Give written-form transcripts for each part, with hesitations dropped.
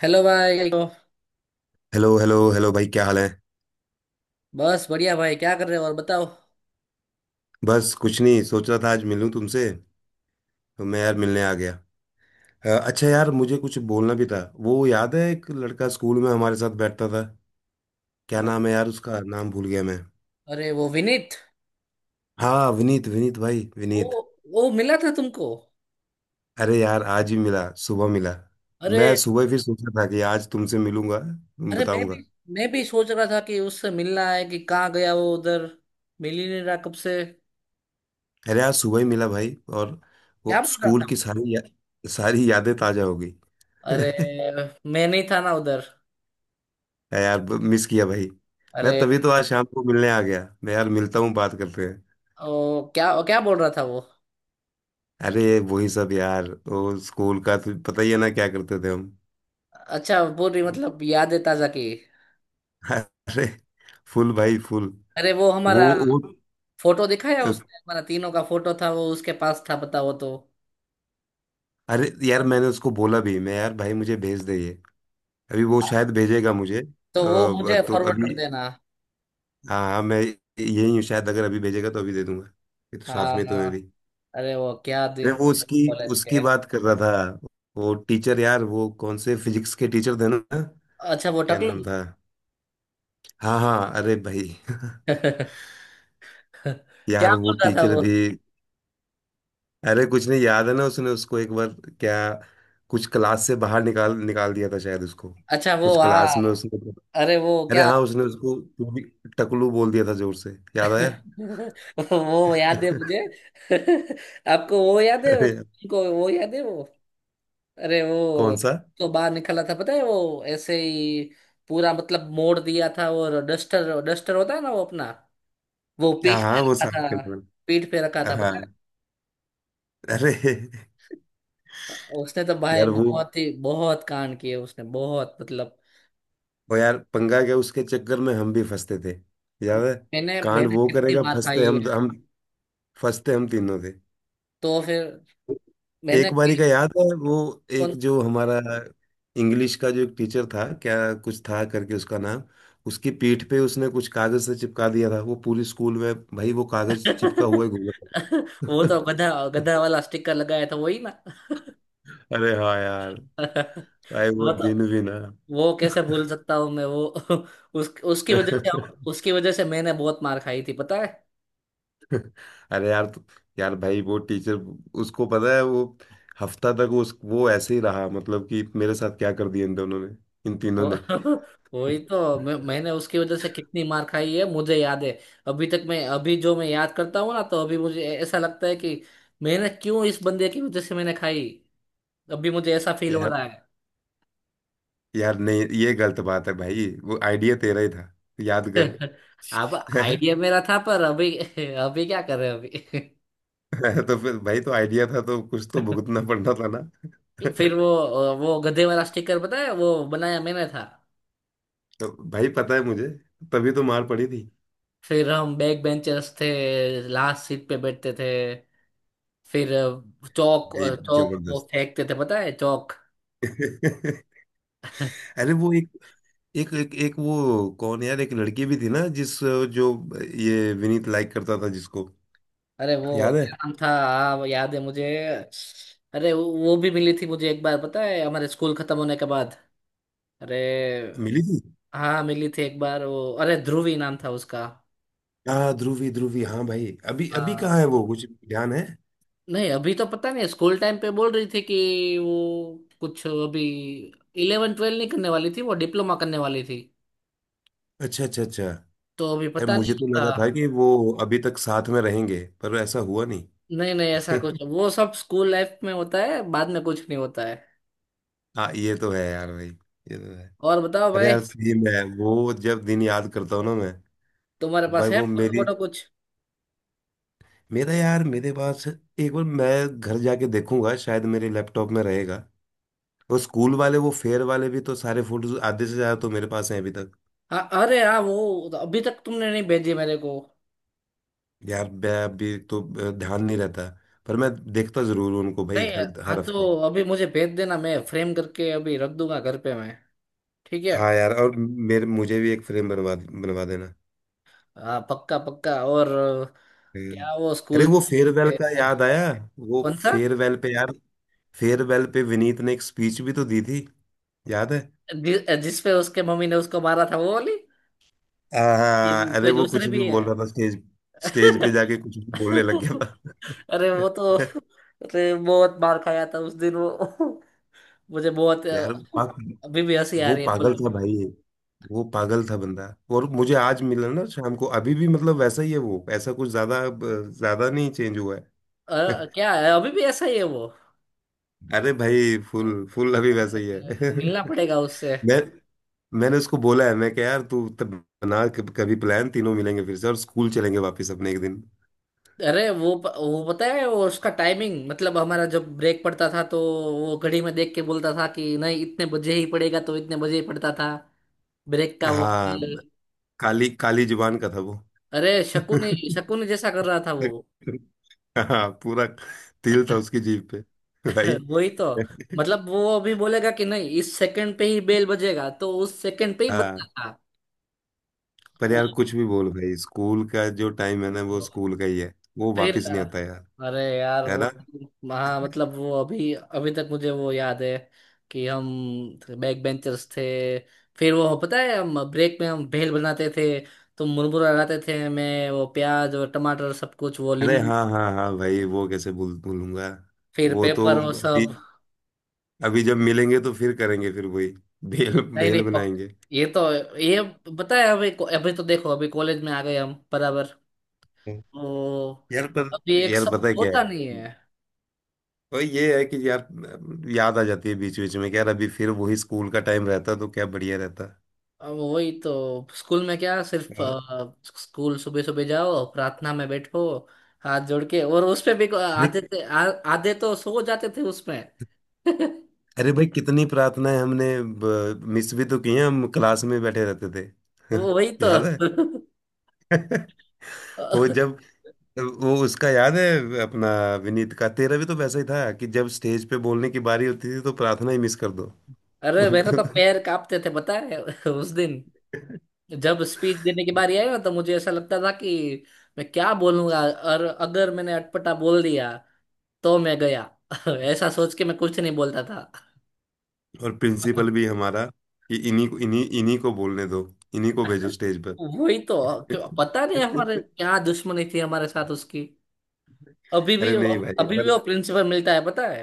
Hello भाई। तो hello hello hello भाई, क्या हाल है। बस बढ़िया भाई। क्या कर रहे हो और बताओ। बस कुछ नहीं, सोच रहा था आज मिलूं तुमसे, तो मैं यार मिलने आ गया। अच्छा यार, मुझे कुछ बोलना भी था। वो याद है, एक लड़का स्कूल में हमारे साथ बैठता था। क्या ओ, नाम है यार, उसका नाम भूल गया मैं। अरे वो विनीत। हाँ विनीत, विनीत भाई ओ, विनीत। वो मिला था तुमको? अरे यार आज ही मिला, सुबह मिला। अरे, मैं सुबह ही फिर सोचा था कि आज तुमसे मिलूंगा, तुम अरे मैं भी बताऊंगा। मैं भी सोच रहा था कि उससे मिलना है कि कहाँ गया वो उधर। मिल ही नहीं रहा कब से। अरे आज सुबह ही मिला भाई, और क्या वो बोल रहा स्कूल था? की सारी यादें ताजा हो गई। अरे मैं नहीं था ना उधर। है यार, मिस किया भाई। मैं अरे। तभी तो आज शाम को मिलने आ गया, मैं यार मिलता हूँ, बात करते हैं। ओ, क्या क्या बोल रहा था वो? अरे वही सब यार, वो स्कूल का तो पता ही है ना, क्या करते थे हम। अच्छा, पूरी मतलब यादें ताजा की। अरे फुल भाई फुल। अरे वो वो हमारा वो फोटो दिखाया उसने, हमारा तीनों का फोटो था वो, उसके पास था, पता वो तो। अरे यार, मैंने उसको बोला भी, मैं यार भाई मुझे भेज दे ये। अभी वो शायद भेजेगा मुझे तो वो मुझे तो फॉरवर्ड अभी, कर देना। हाँ हाँ, मैं यही हूँ, शायद अगर अभी भेजेगा तो अभी दे दूंगा। ये तो साथ में तो हाँ। मैं भी। अरे वो क्या अरे दिन वो थे उसकी कॉलेज उसकी के। बात कर रहा था। वो टीचर यार, वो कौन से फिजिक्स के टीचर थे ना, अच्छा वो क्या नाम टकलू। था। हाँ हाँ अरे भाई। क्या यार वो बोल रहा था टीचर वो? भी। अरे कुछ नहीं, याद है ना उसने उसको एक बार, क्या, कुछ क्लास से बाहर निकाल निकाल दिया था शायद उसको, अच्छा वो, कुछ क्लास में हाँ। उसने। अरे वो अरे क्या। हाँ उसने उसको टकलू बोल दिया था, जोर से। याद आया। वो याद है मुझे। आपको वो याद है, अरे यार, उनको वो याद है वो। अरे वो कौन सा। तो बाहर निकला था, पता है वो ऐसे ही पूरा मतलब मोड़ दिया था। और डस्टर, होता है ना वो अपना, वो हाँ पीठ पे हाँ, वो रखा साफ था। करने वाला। पीठ पे रखा था। हाँ। अरे। उसने तो भाई यार वो बहुत ही बहुत कांड किए उसने, बहुत मतलब। वो यार, पंगा क्या उसके चक्कर में हम भी फंसते थे। याद है। मैंने कांड मैंने वो कितनी करेगा, मार खाई है। फंसते हम तीनों थे। तो फिर मैंने एक बारी कि- का याद है वो, कौन। एक जो हमारा इंग्लिश का जो एक टीचर था क्या, कुछ था करके उसका नाम, उसकी पीठ पे उसने कुछ कागज से चिपका दिया था, वो पूरी स्कूल में भाई वो कागज चिपका हुआ ही घूम रहा वो तो गधा था। गधा वाला स्टिकर लगाया था, वही ना। अरे हाँ यार, भाई वो वो तो दिन भी ना। वो कैसे भूल सकता हूँ मैं वो। उसकी वजह से, उसकी वजह से मैंने बहुत मार खाई थी, पता है। अरे यार तो, यार भाई वो टीचर, उसको पता है वो हफ्ता तक उस वो ऐसे ही रहा, मतलब कि मेरे साथ क्या कर दिया इन दोनों ने, इन तीनों ने। वो- वही तो मैंने उसकी वजह से कितनी मार खाई है, मुझे याद है अभी तक। मैं अभी जो मैं याद करता हूँ ना, तो अभी मुझे ऐसा लगता है कि मैंने क्यों इस बंदे की वजह से मैंने खाई। अभी मुझे ऐसा फील हो यार, रहा है। यार नहीं ये गलत बात है भाई, वो आइडिया तेरा ही था, याद अब कर। आइडिया मेरा था, पर अभी अभी क्या कर रहे हैं। तो फिर भाई, तो आइडिया था तो कुछ तो अभी भुगतना पड़ना था ना। फिर वो गधे वाला स्टिकर पता है वो बनाया मैंने था। तो भाई पता है मुझे, तभी तो मार पड़ी थी फिर हम बैक बेंचर्स थे, लास्ट सीट पे बैठते थे। फिर चौक, भाई, चौक वो जबरदस्त। फेंकते थे पता है चौक। अरे वो एक, एक वो कौन यार, एक लड़की भी थी ना, जिस, जो, ये विनीत लाइक करता था जिसको। अरे वो याद है, क्या नाम था, हाँ, वो याद है मुझे। अरे वो भी मिली थी मुझे एक बार पता है, हमारे स्कूल खत्म होने के बाद। अरे मिली थी। हाँ मिली थी एक बार वो, अरे ध्रुवी नाम था उसका। हाँ ध्रुवी ध्रुवी, हाँ भाई अभी अभी हाँ, कहाँ है वो, कुछ ध्यान है। नहीं अभी तो पता नहीं। स्कूल टाइम पे बोल रही थी कि वो कुछ अभी इलेवन ट्वेल्व नहीं करने वाली थी, वो डिप्लोमा करने वाली थी। अच्छा अच्छा अच्छा। यार तो अभी पता नहीं मुझे तो था। लगा था कि वो अभी तक साथ में रहेंगे, पर ऐसा हुआ नहीं। नहीं नहीं, ऐसा कुछ वो सब स्कूल लाइफ में होता है, बाद में कुछ नहीं होता है। हाँ, ये तो है यार भाई, ये तो है। और बताओ अरे भाई। यार सेम है, वो जब दिन याद करता हूँ ना मैं। तुम्हारे भाई पास है वो फोटो मेरी, वोटो कुछ? मेरा यार, मेरे पास एक बार मैं घर जाके देखूंगा, शायद मेरे लैपटॉप में रहेगा। वो स्कूल वाले वो फेयर वाले भी तो सारे फोटोज आधे से ज्यादा तो मेरे पास हैं अभी तक। हाँ, अरे हाँ वो अभी तक तुमने नहीं भेजी मेरे को। यार मैं अभी तो ध्यान नहीं रहता, पर मैं देखता जरूर हूँ उनको भाई, नहीं। हर हाँ हर हफ्ते। तो अभी मुझे भेज देना, मैं फ्रेम करके अभी रख दूंगा घर पे मैं। ठीक है। हाँ यार, और मेरे मुझे भी एक फ्रेम बनवा बनवा देना। हाँ पक्का पक्का। और हम्म। क्या वो अरे स्कूल। वो फेयरवेल का याद आया, वो कौन सा। फेयरवेल पे यार, फेयरवेल पे विनीत ने एक स्पीच भी तो दी थी, याद है। जिस पे उसके मम्मी ने उसको मारा था वो वाली? ये हाँ, अरे कोई वो कुछ दूसरे भी भी है? बोल रहा था स्टेज स्टेज पे जाके कुछ भी बोलने लग गया अरे वो तो। था। अरे बहुत मार खाया था उस दिन वो। मुझे बहुत यार अभी भी हंसी आ वो रही है पागल बोलो। था भाई, वो पागल था बंदा। और मुझे आज मिला ना शाम को, अभी भी मतलब वैसा ही है वो, ऐसा कुछ ज्यादा नहीं चेंज हुआ है। क्या है, अभी भी ऐसा ही है वो? अरे भाई फुल फुल अभी वैसा ही है। मिलना पड़ेगा उससे। मैं, मैंने उसको बोला है, मैं क्या यार तू तब बना कभी प्लान, तीनों मिलेंगे फिर से और स्कूल चलेंगे वापस अपने एक दिन। अरे वो पता है वो उसका टाइमिंग, मतलब हमारा जब ब्रेक पड़ता था, तो वो घड़ी में देख के बोलता था कि नहीं इतने बजे ही पड़ेगा, तो इतने बजे ही पड़ता था ब्रेक का, वो हाँ, बिल। काली काली जुबान का था वो। अरे शकुनी, शकुनी जैसा कर रहा था वो। हाँ पूरा, तिल था उसकी जीभ पे भाई। वही तो मतलब वो अभी बोलेगा कि नहीं इस सेकंड पे ही बेल बजेगा, तो उस सेकंड पे ही बजता हाँ, था। पर यार कुछ भी बोल भाई, स्कूल का जो टाइम है ना, वो ओ, स्कूल का ही है, वो फिर वापस नहीं आता यार। अरे यार है ना। हाँ मतलब वो अभी, अभी तक मुझे वो याद है कि हम बैक बेंचर्स थे। फिर वो पता है हम ब्रेक में हम भेल बनाते थे। तो मुरमुरा लगाते थे मैं, वो प्याज और टमाटर सब कुछ, वो अरे नींबू, हाँ हाँ हाँ भाई, वो कैसे भूलूंगा। फिर वो तो पेपर, वो अभी सब। अभी जब मिलेंगे तो फिर करेंगे फिर वही भेल नहीं भेल नहीं, पक, बनाएंगे। ये तो, ये पता है अभी, अभी तो देखो अभी कॉलेज में आ गए हम बराबर। तो यार पर, अभी एक यार सब पता है क्या है, होता नहीं है। तो ये है कि यार, याद आ जाती है बीच बीच में, कि यार अभी फिर वही स्कूल का टाइम रहता तो क्या बढ़िया रहता। अब वही तो स्कूल में क्या, सिर्फ हाँ। स्कूल सुबह सुबह जाओ, प्रार्थना में बैठो हाथ जोड़ के, और उसपे भी अरे आधे थे आधे तो सो जाते थे उसमें। अरे भाई, कितनी प्रार्थनाएं हमने मिस भी तो की हैं, हम क्लास में बैठे रहते थे। वो वही तो। याद है। वो जब, वो उसका याद है अपना, विनीत का, तेरा भी तो वैसा ही था कि जब स्टेज पे बोलने की बारी होती थी तो प्रार्थना ही मिस कर दो। अरे मेरे तो पैर कांपते थे पता है, उस दिन जब स्पीच देने की बारी आई ना, तो मुझे ऐसा लगता था कि मैं क्या बोलूंगा, और अगर मैंने अटपटा बोल दिया तो मैं गया। ऐसा सोच के मैं कुछ नहीं बोलता और था। प्रिंसिपल भी हमारा कि इन्हीं को, इन्हीं इन्हीं को बोलने दो, इन्हीं को भेजो स्टेज वही तो, क्यों पर। पता नहीं हमारे क्या दुश्मनी थी हमारे साथ उसकी। अभी अरे भी वो, नहीं भाई अभी भी पर, वो प्रिंसिपल मिलता है पता है।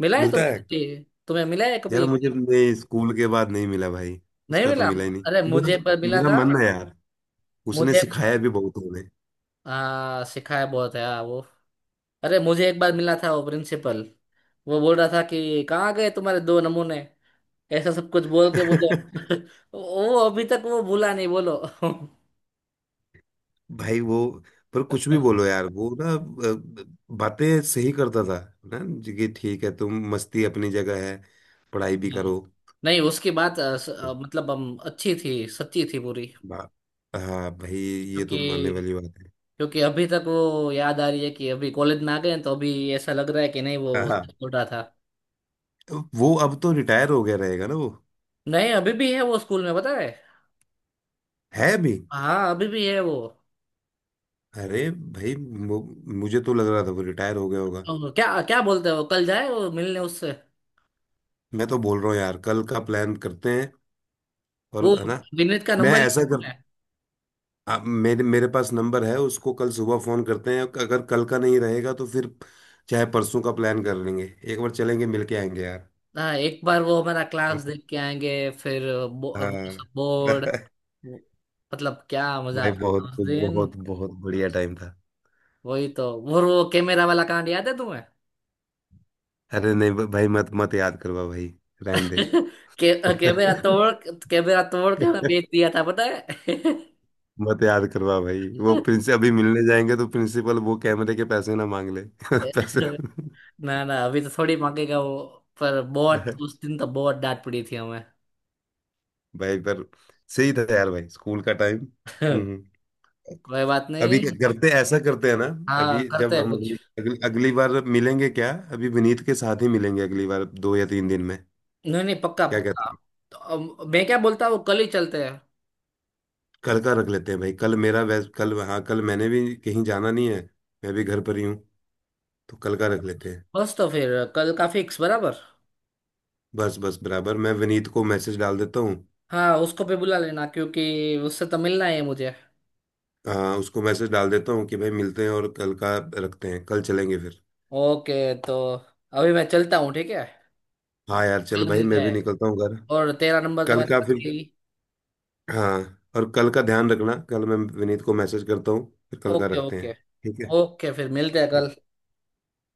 मिला है मिलता तुम्हें है, कभी? तुम्हें मिला है कभी यार एक मुझे बार? नहीं, स्कूल के बाद नहीं मिला भाई, नहीं उसका तो मिला। मिला ही नहीं अरे मुझे एक मेरा। बार मिला मेरा था। मन है यार, उसने मुझे, सिखाया भी बहुत हमें। हाँ, सिखाया बहुत है, हाँ वो। अरे मुझे एक बार मिला था वो प्रिंसिपल। वो बोल रहा था कि कहाँ गए तुम्हारे दो नमूने, ऐसा सब कुछ बोल के बोलो। वो अभी तक वो भूला नहीं बोलो। भाई वो, पर कुछ भी बोलो यार वो ना बातें सही करता था, ना जी, कि ठीक है तुम मस्ती अपनी जगह है, पढ़ाई भी नहीं करो। नहीं, उसकी बात मतलब हम, अच्छी थी, सच्ची थी पूरी। बा- हाँ भाई, ये तो मानने क्योंकि, वाली बात क्योंकि अभी तक वो याद आ रही है कि अभी कॉलेज में आ गए हैं, तो अभी ऐसा लग रहा है कि नहीं है। वो छोटा था। तो वो अब तो रिटायर हो गया रहेगा ना वो। नहीं अभी भी है वो स्कूल में पता है। है भी। हाँ अभी भी है वो। अरे भाई मुझे तो लग रहा था वो रिटायर हो गया होगा। तो क्या क्या बोलते हैं, वो कल जाए वो मिलने उससे। मैं तो बोल रहा हूँ यार कल का प्लान करते हैं, और वो है ना। विनीत का मैं नंबर ऐसा लेना कर, है। मेरे मेरे पास नंबर है, उसको कल सुबह फोन करते हैं, अगर कल का नहीं रहेगा तो फिर चाहे परसों का प्लान कर लेंगे, एक बार चलेंगे मिलके आएंगे यार। हाँ एक बार वो हमारा क्लास देख के आएंगे। फिर वो हाँ। सब बोर्ड, वो, मतलब क्या मजा भाई आता था बहुत उस दिन। बहुत बहुत बढ़िया टाइम था। वही तो, वो कैमरा वाला कांड याद है तुम्हें? अरे नहीं भाई, मत मत याद करवा भाई, रहने दे। के, कैमरा तोड़, कैमरा तोड़ के मैं बेच दिया था पता है। मत याद करवा भाई, वो प्रिंस अभी मिलने जाएंगे तो प्रिंसिपल वो कैमरे के पैसे ना मांग ले। पैसे। ना ना अभी तो थोड़ी मांगेगा वो। पर बहुत, उस दिन तो बहुत डांट पड़ी थी हमें। भाई पर सही था यार भाई, स्कूल का टाइम। कोई बात अभी क्या नहीं। करते, ऐसा करते हैं ना, हाँ अभी करते जब हैं हम कुछ। अगली बार मिलेंगे, क्या अभी विनीत के साथ ही मिलेंगे अगली बार, 2 या 3 दिन में। नहीं नहीं पक्का क्या पक्का। कहते हैं। तो अब मैं क्या बोलता हूँ, कल ही चलते हैं। कल का रख लेते हैं भाई, कल मेरा वैस कल, हाँ कल मैंने भी कहीं जाना नहीं है, मैं भी घर पर ही हूँ, तो कल का रख लेते हैं। बस तो फिर कल का फिक्स बराबर। बस बस बराबर, मैं विनीत को मैसेज डाल देता हूँ। हाँ उसको भी बुला लेना, क्योंकि उससे तो मिलना है मुझे। हाँ उसको मैसेज डाल देता हूँ, कि भाई मिलते हैं और कल का रखते हैं, कल चलेंगे फिर। ओके, तो अभी मैं चलता हूँ ठीक है। हाँ यार चल कल भाई, मिलते मैं भी हैं, निकलता हूँ घर। और तेरा नंबर तो कल मेरे का पास फिर। है ही। हाँ, और कल का ध्यान रखना, कल मैं विनीत को मैसेज करता हूँ फिर, कल का ओके रखते ओके। हैं। ठीक है। ओके फिर मिलते हैं ठीक। कल।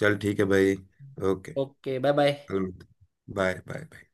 चल ठीक है भाई। ओके। Okay bye bye. कल मिलते हैं, बाय बाय।